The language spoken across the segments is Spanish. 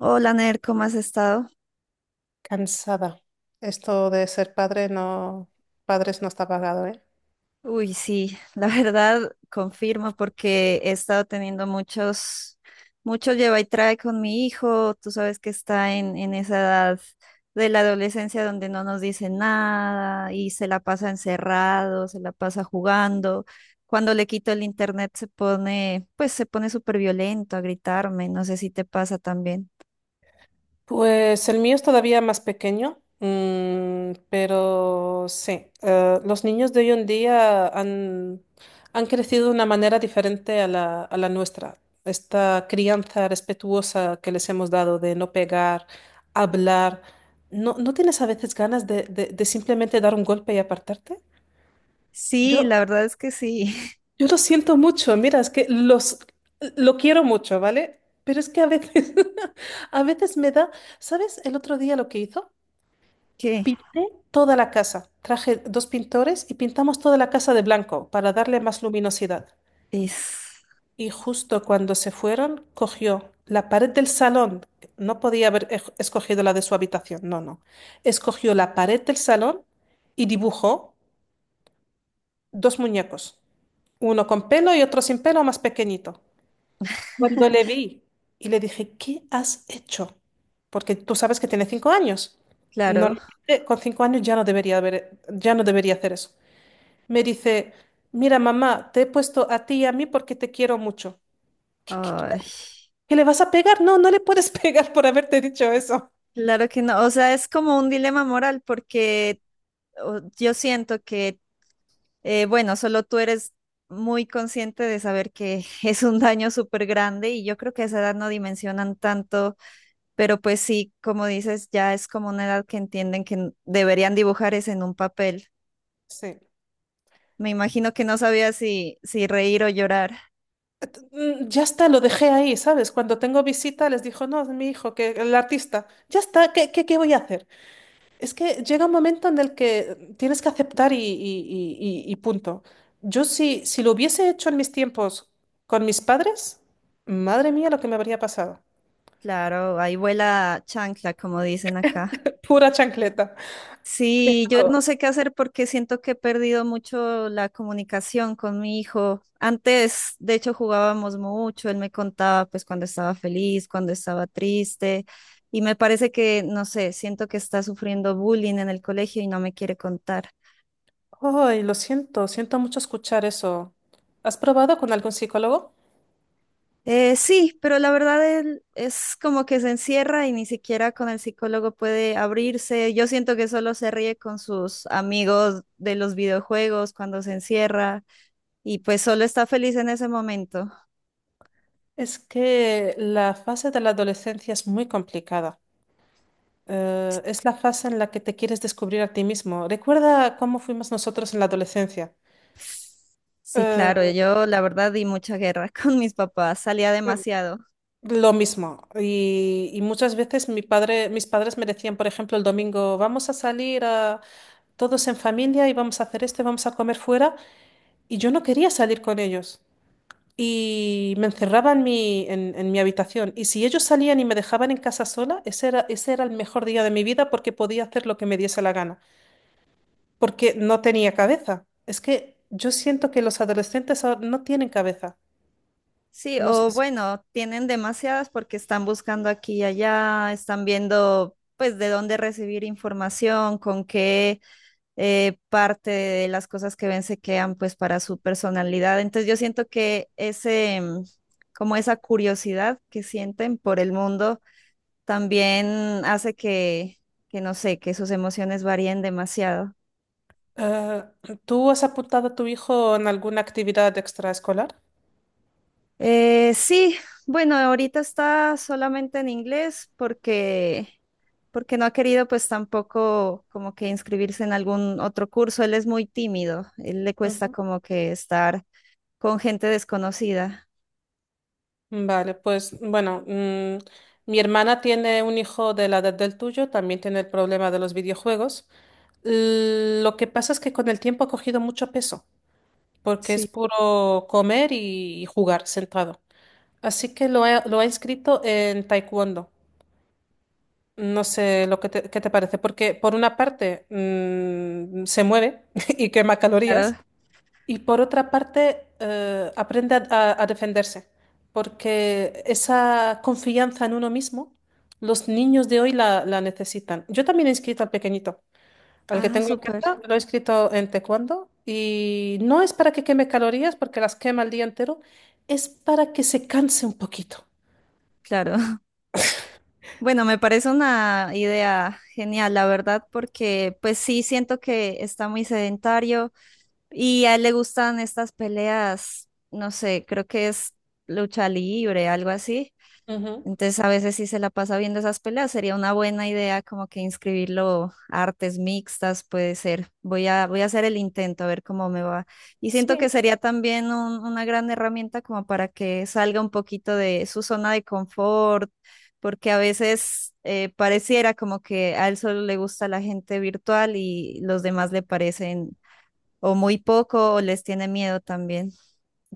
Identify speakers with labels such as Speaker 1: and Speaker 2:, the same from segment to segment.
Speaker 1: Hola, Ner, ¿cómo has estado?
Speaker 2: Cansada. Esto de ser padres no está pagado, ¿eh?
Speaker 1: Uy, sí, la verdad confirmo porque he estado teniendo muchos lleva y trae con mi hijo. Tú sabes que está en esa edad de la adolescencia donde no nos dice nada y se la pasa encerrado, se la pasa jugando. Cuando le quito el internet se pone, pues se pone súper violento a gritarme. No sé si te pasa también.
Speaker 2: Pues el mío es todavía más pequeño, pero sí, los niños de hoy en día han crecido de una manera diferente a la nuestra. Esta crianza respetuosa que les hemos dado de no pegar, hablar, ¿no, no tienes a veces ganas de simplemente dar un golpe y apartarte?
Speaker 1: Sí,
Speaker 2: Yo,
Speaker 1: la verdad es que sí.
Speaker 2: Yo lo siento mucho, mira, es que los lo quiero mucho, ¿vale? Pero es que a veces, a veces me da, ¿sabes? El otro día lo que hizo,
Speaker 1: ¿Qué?
Speaker 2: pinté toda la casa. Traje dos pintores y pintamos toda la casa de blanco para darle más luminosidad.
Speaker 1: Es.
Speaker 2: Y justo cuando se fueron, cogió la pared del salón. No podía haber escogido la de su habitación, no, no. Escogió la pared del salón y dibujó dos muñecos, uno con pelo y otro sin pelo, más pequeñito. Cuando le vi y le dije, ¿qué has hecho? Porque tú sabes que tiene 5 años.
Speaker 1: Claro.
Speaker 2: Normalmente con 5 años ya no debería hacer eso. Me dice, mira, mamá, te he puesto a ti y a mí porque te quiero mucho. ¿Qué, qué- qué-
Speaker 1: Ay.
Speaker 2: qué le vas a pegar? No, no le puedes pegar por haberte dicho eso.
Speaker 1: Claro que no, o sea, es como un dilema moral porque yo siento que, bueno, solo tú eres muy consciente de saber que es un daño súper grande y yo creo que a esa edad no dimensionan tanto, pero pues sí, como dices, ya es como una edad que entienden que deberían dibujar es en un papel.
Speaker 2: Sí.
Speaker 1: Me imagino que no sabía si, si reír o llorar.
Speaker 2: Ya está, lo dejé ahí, ¿sabes? Cuando tengo visita les dijo, no, es mi hijo, que el artista. Ya está, ¿qué voy a hacer? Es que llega un momento en el que tienes que aceptar y punto. Yo si lo hubiese hecho en mis tiempos con mis padres, madre mía lo que me habría pasado.
Speaker 1: Claro, ahí vuela chancla, como dicen acá.
Speaker 2: Pura chancleta.
Speaker 1: Sí, yo
Speaker 2: Pero,
Speaker 1: no sé qué hacer porque siento que he perdido mucho la comunicación con mi hijo. Antes, de hecho, jugábamos mucho, él me contaba pues cuando estaba feliz, cuando estaba triste, y me parece que, no sé, siento que está sufriendo bullying en el colegio y no me quiere contar.
Speaker 2: Ay, lo siento, siento mucho escuchar eso. ¿Has probado con algún psicólogo?
Speaker 1: Sí, pero la verdad él es como que se encierra y ni siquiera con el psicólogo puede abrirse. Yo siento que solo se ríe con sus amigos de los videojuegos cuando se encierra, y pues solo está feliz en ese momento.
Speaker 2: Es que la fase de la adolescencia es muy complicada. Es la fase en la que te quieres descubrir a ti mismo. Recuerda cómo fuimos nosotros en la adolescencia.
Speaker 1: Sí, claro,
Speaker 2: Eh,
Speaker 1: yo la verdad di mucha guerra con mis papás, salía demasiado.
Speaker 2: Lo mismo. Y muchas veces mis padres me decían, por ejemplo, el domingo, vamos a salir todos en familia y vamos a hacer esto, y vamos a comer fuera. Y yo no quería salir con ellos. Y me encerraba en mi habitación. Y si ellos salían y me dejaban en casa sola, ese era el mejor día de mi vida porque podía hacer lo que me diese la gana. Porque no tenía cabeza. Es que yo siento que los adolescentes ahora no tienen cabeza.
Speaker 1: Sí,
Speaker 2: No sé.
Speaker 1: o
Speaker 2: Si
Speaker 1: bueno, tienen demasiadas porque están buscando aquí y allá, están viendo pues de dónde recibir información, con qué, parte de las cosas que ven se quedan pues para su personalidad. Entonces yo siento que ese, como esa curiosidad que sienten por el mundo también hace que no sé, que sus emociones varíen demasiado.
Speaker 2: Eh, ¿Tú has apuntado a tu hijo en alguna actividad extraescolar?
Speaker 1: Sí, bueno, ahorita está solamente en inglés porque no ha querido pues tampoco como que inscribirse en algún otro curso. Él es muy tímido, él le cuesta
Speaker 2: Ujú.
Speaker 1: como que estar con gente desconocida.
Speaker 2: Vale, pues bueno, mi hermana tiene un hijo de la edad del tuyo, también tiene el problema de los videojuegos. Lo que pasa es que con el tiempo ha cogido mucho peso, porque es
Speaker 1: Sí,
Speaker 2: puro comer y jugar sentado. Así que lo ha inscrito en taekwondo. No sé lo que te, qué te parece, porque por una parte se mueve y quema
Speaker 1: claro.
Speaker 2: calorías. Y por otra parte, aprende a defenderse, porque esa confianza en uno mismo, los niños de hoy la necesitan. Yo también he inscrito al pequeñito, al que
Speaker 1: Ah,
Speaker 2: tengo en
Speaker 1: súper,
Speaker 2: casa, lo he inscrito en taekwondo, y no es para que queme calorías, porque las quema el día entero, es para que se canse un poquito.
Speaker 1: claro. Bueno, me parece una idea genial, la verdad, porque pues sí siento que está muy sedentario. Y a él le gustan estas peleas, no sé, creo que es lucha libre, algo así.
Speaker 2: Ujú.
Speaker 1: Entonces a veces sí se la pasa viendo esas peleas, sería una buena idea como que inscribirlo a artes mixtas, puede ser. Voy a hacer el intento a ver cómo me va. Y siento que
Speaker 2: Sí.
Speaker 1: sería también una gran herramienta como para que salga un poquito de su zona de confort, porque a veces pareciera como que a él solo le gusta la gente virtual y los demás le parecen o muy poco o les tiene miedo también.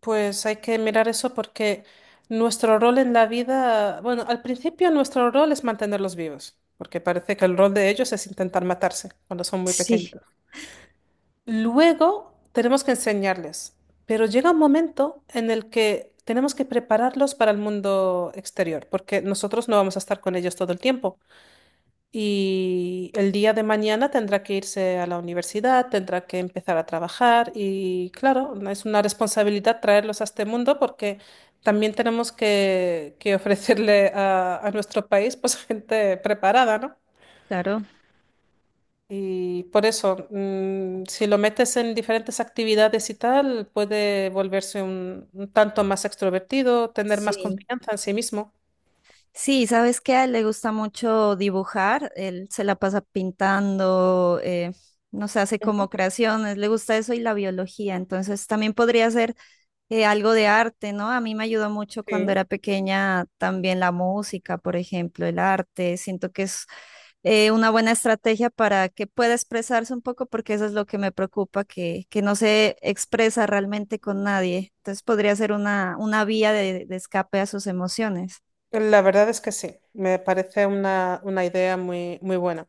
Speaker 2: Pues hay que mirar eso porque nuestro rol en la vida, bueno, al principio nuestro rol es mantenerlos vivos, porque parece que el rol de ellos es intentar matarse cuando son muy
Speaker 1: Sí,
Speaker 2: pequeñitos. Luego tenemos que enseñarles, pero llega un momento en el que tenemos que prepararlos para el mundo exterior, porque nosotros no vamos a estar con ellos todo el tiempo. Y el día de mañana tendrá que irse a la universidad, tendrá que empezar a trabajar y claro, es una responsabilidad traerlos a este mundo porque también tenemos que ofrecerle a nuestro país pues gente preparada, ¿no?
Speaker 1: claro,
Speaker 2: Y por eso, si lo metes en diferentes actividades y tal, puede volverse un tanto más extrovertido, tener más
Speaker 1: sí.
Speaker 2: confianza en sí mismo.
Speaker 1: Sí, ¿sabes qué? A él le gusta mucho dibujar, él se la pasa pintando, no sé, hace como creaciones, le gusta eso y la biología, entonces también podría ser, algo de arte, ¿no? A mí me ayudó mucho cuando
Speaker 2: Sí.
Speaker 1: era pequeña también la música, por ejemplo, el arte. Siento que es, una buena estrategia para que pueda expresarse un poco, porque eso es lo que me preocupa, que no se expresa realmente con nadie. Entonces podría ser una vía de escape a sus emociones.
Speaker 2: La verdad es que sí, me parece una idea muy, muy buena.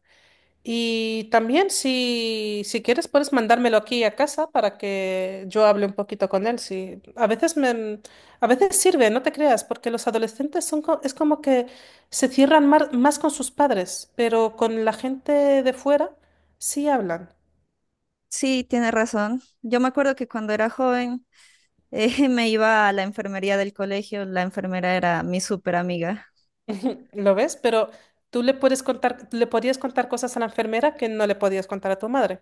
Speaker 2: Y también si quieres puedes mandármelo aquí a casa para que yo hable un poquito con él. Sí. A veces sirve, no te creas, porque los adolescentes es como que se cierran más con sus padres, pero con la gente de fuera sí hablan.
Speaker 1: Sí, tiene razón. Yo me acuerdo que cuando era joven, me iba a la enfermería del colegio, la enfermera era mi súper amiga.
Speaker 2: ¿Lo ves? Pero tú le podías contar cosas a la enfermera que no le podías contar a tu madre.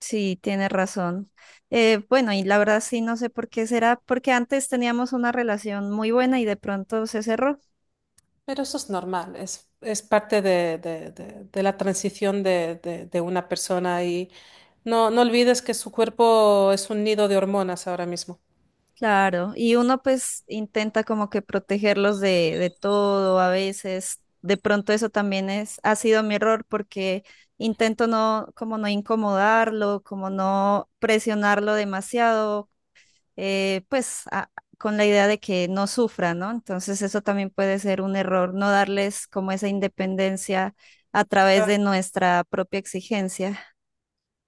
Speaker 1: Sí, tiene razón. Bueno, y la verdad sí, no sé por qué será, porque antes teníamos una relación muy buena y de pronto se cerró.
Speaker 2: Pero eso es normal, es parte de la transición de una persona y no, no olvides que su cuerpo es un nido de hormonas ahora mismo.
Speaker 1: Claro, y uno pues intenta como que protegerlos de todo a veces. De pronto eso también es, ha sido mi error porque intento no, como no incomodarlo, como no presionarlo demasiado, pues con la idea de que no sufra, ¿no? Entonces eso también puede ser un error, no darles como esa independencia a través de
Speaker 2: Claro.
Speaker 1: nuestra propia exigencia.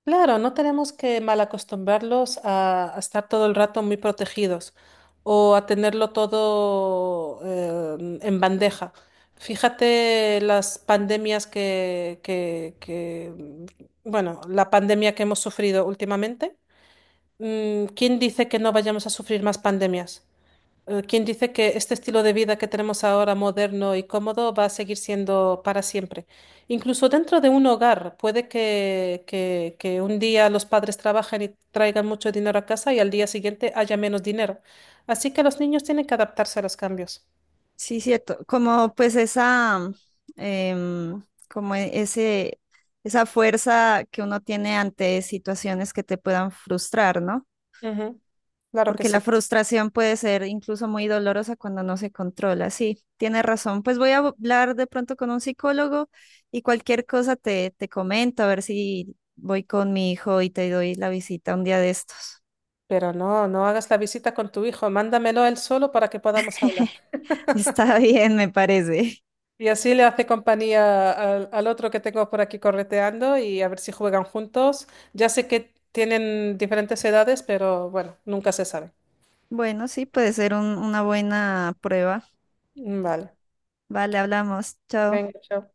Speaker 2: Claro, no tenemos que malacostumbrarlos a estar todo el rato muy protegidos o a tenerlo todo en bandeja. Fíjate las pandemias bueno, la pandemia que hemos sufrido últimamente. ¿Quién dice que no vayamos a sufrir más pandemias? ¿Quién dice que este estilo de vida que tenemos ahora, moderno y cómodo, va a seguir siendo para siempre? Incluso dentro de un hogar, puede que un día los padres trabajen y traigan mucho dinero a casa y al día siguiente haya menos dinero. Así que los niños tienen que adaptarse a los cambios.
Speaker 1: Sí, cierto, como pues esa, em, como ese, esa fuerza que uno tiene ante situaciones que te puedan frustrar, ¿no?
Speaker 2: Ujú. Claro que
Speaker 1: Porque la
Speaker 2: sí.
Speaker 1: frustración puede ser incluso muy dolorosa cuando no se controla. Sí, tienes razón. Pues voy a hablar de pronto con un psicólogo y cualquier cosa te, te comento, a ver si voy con mi hijo y te doy la visita un día de estos.
Speaker 2: Pero no, no hagas la visita con tu hijo, mándamelo él solo para que podamos hablar.
Speaker 1: Está bien, me parece.
Speaker 2: Y así le hace compañía al otro que tengo por aquí correteando y a ver si juegan juntos. Ya sé que tienen diferentes edades, pero bueno, nunca se sabe.
Speaker 1: Bueno, sí, puede ser una buena prueba.
Speaker 2: Vale.
Speaker 1: Vale, hablamos. Chao.
Speaker 2: Venga, chao.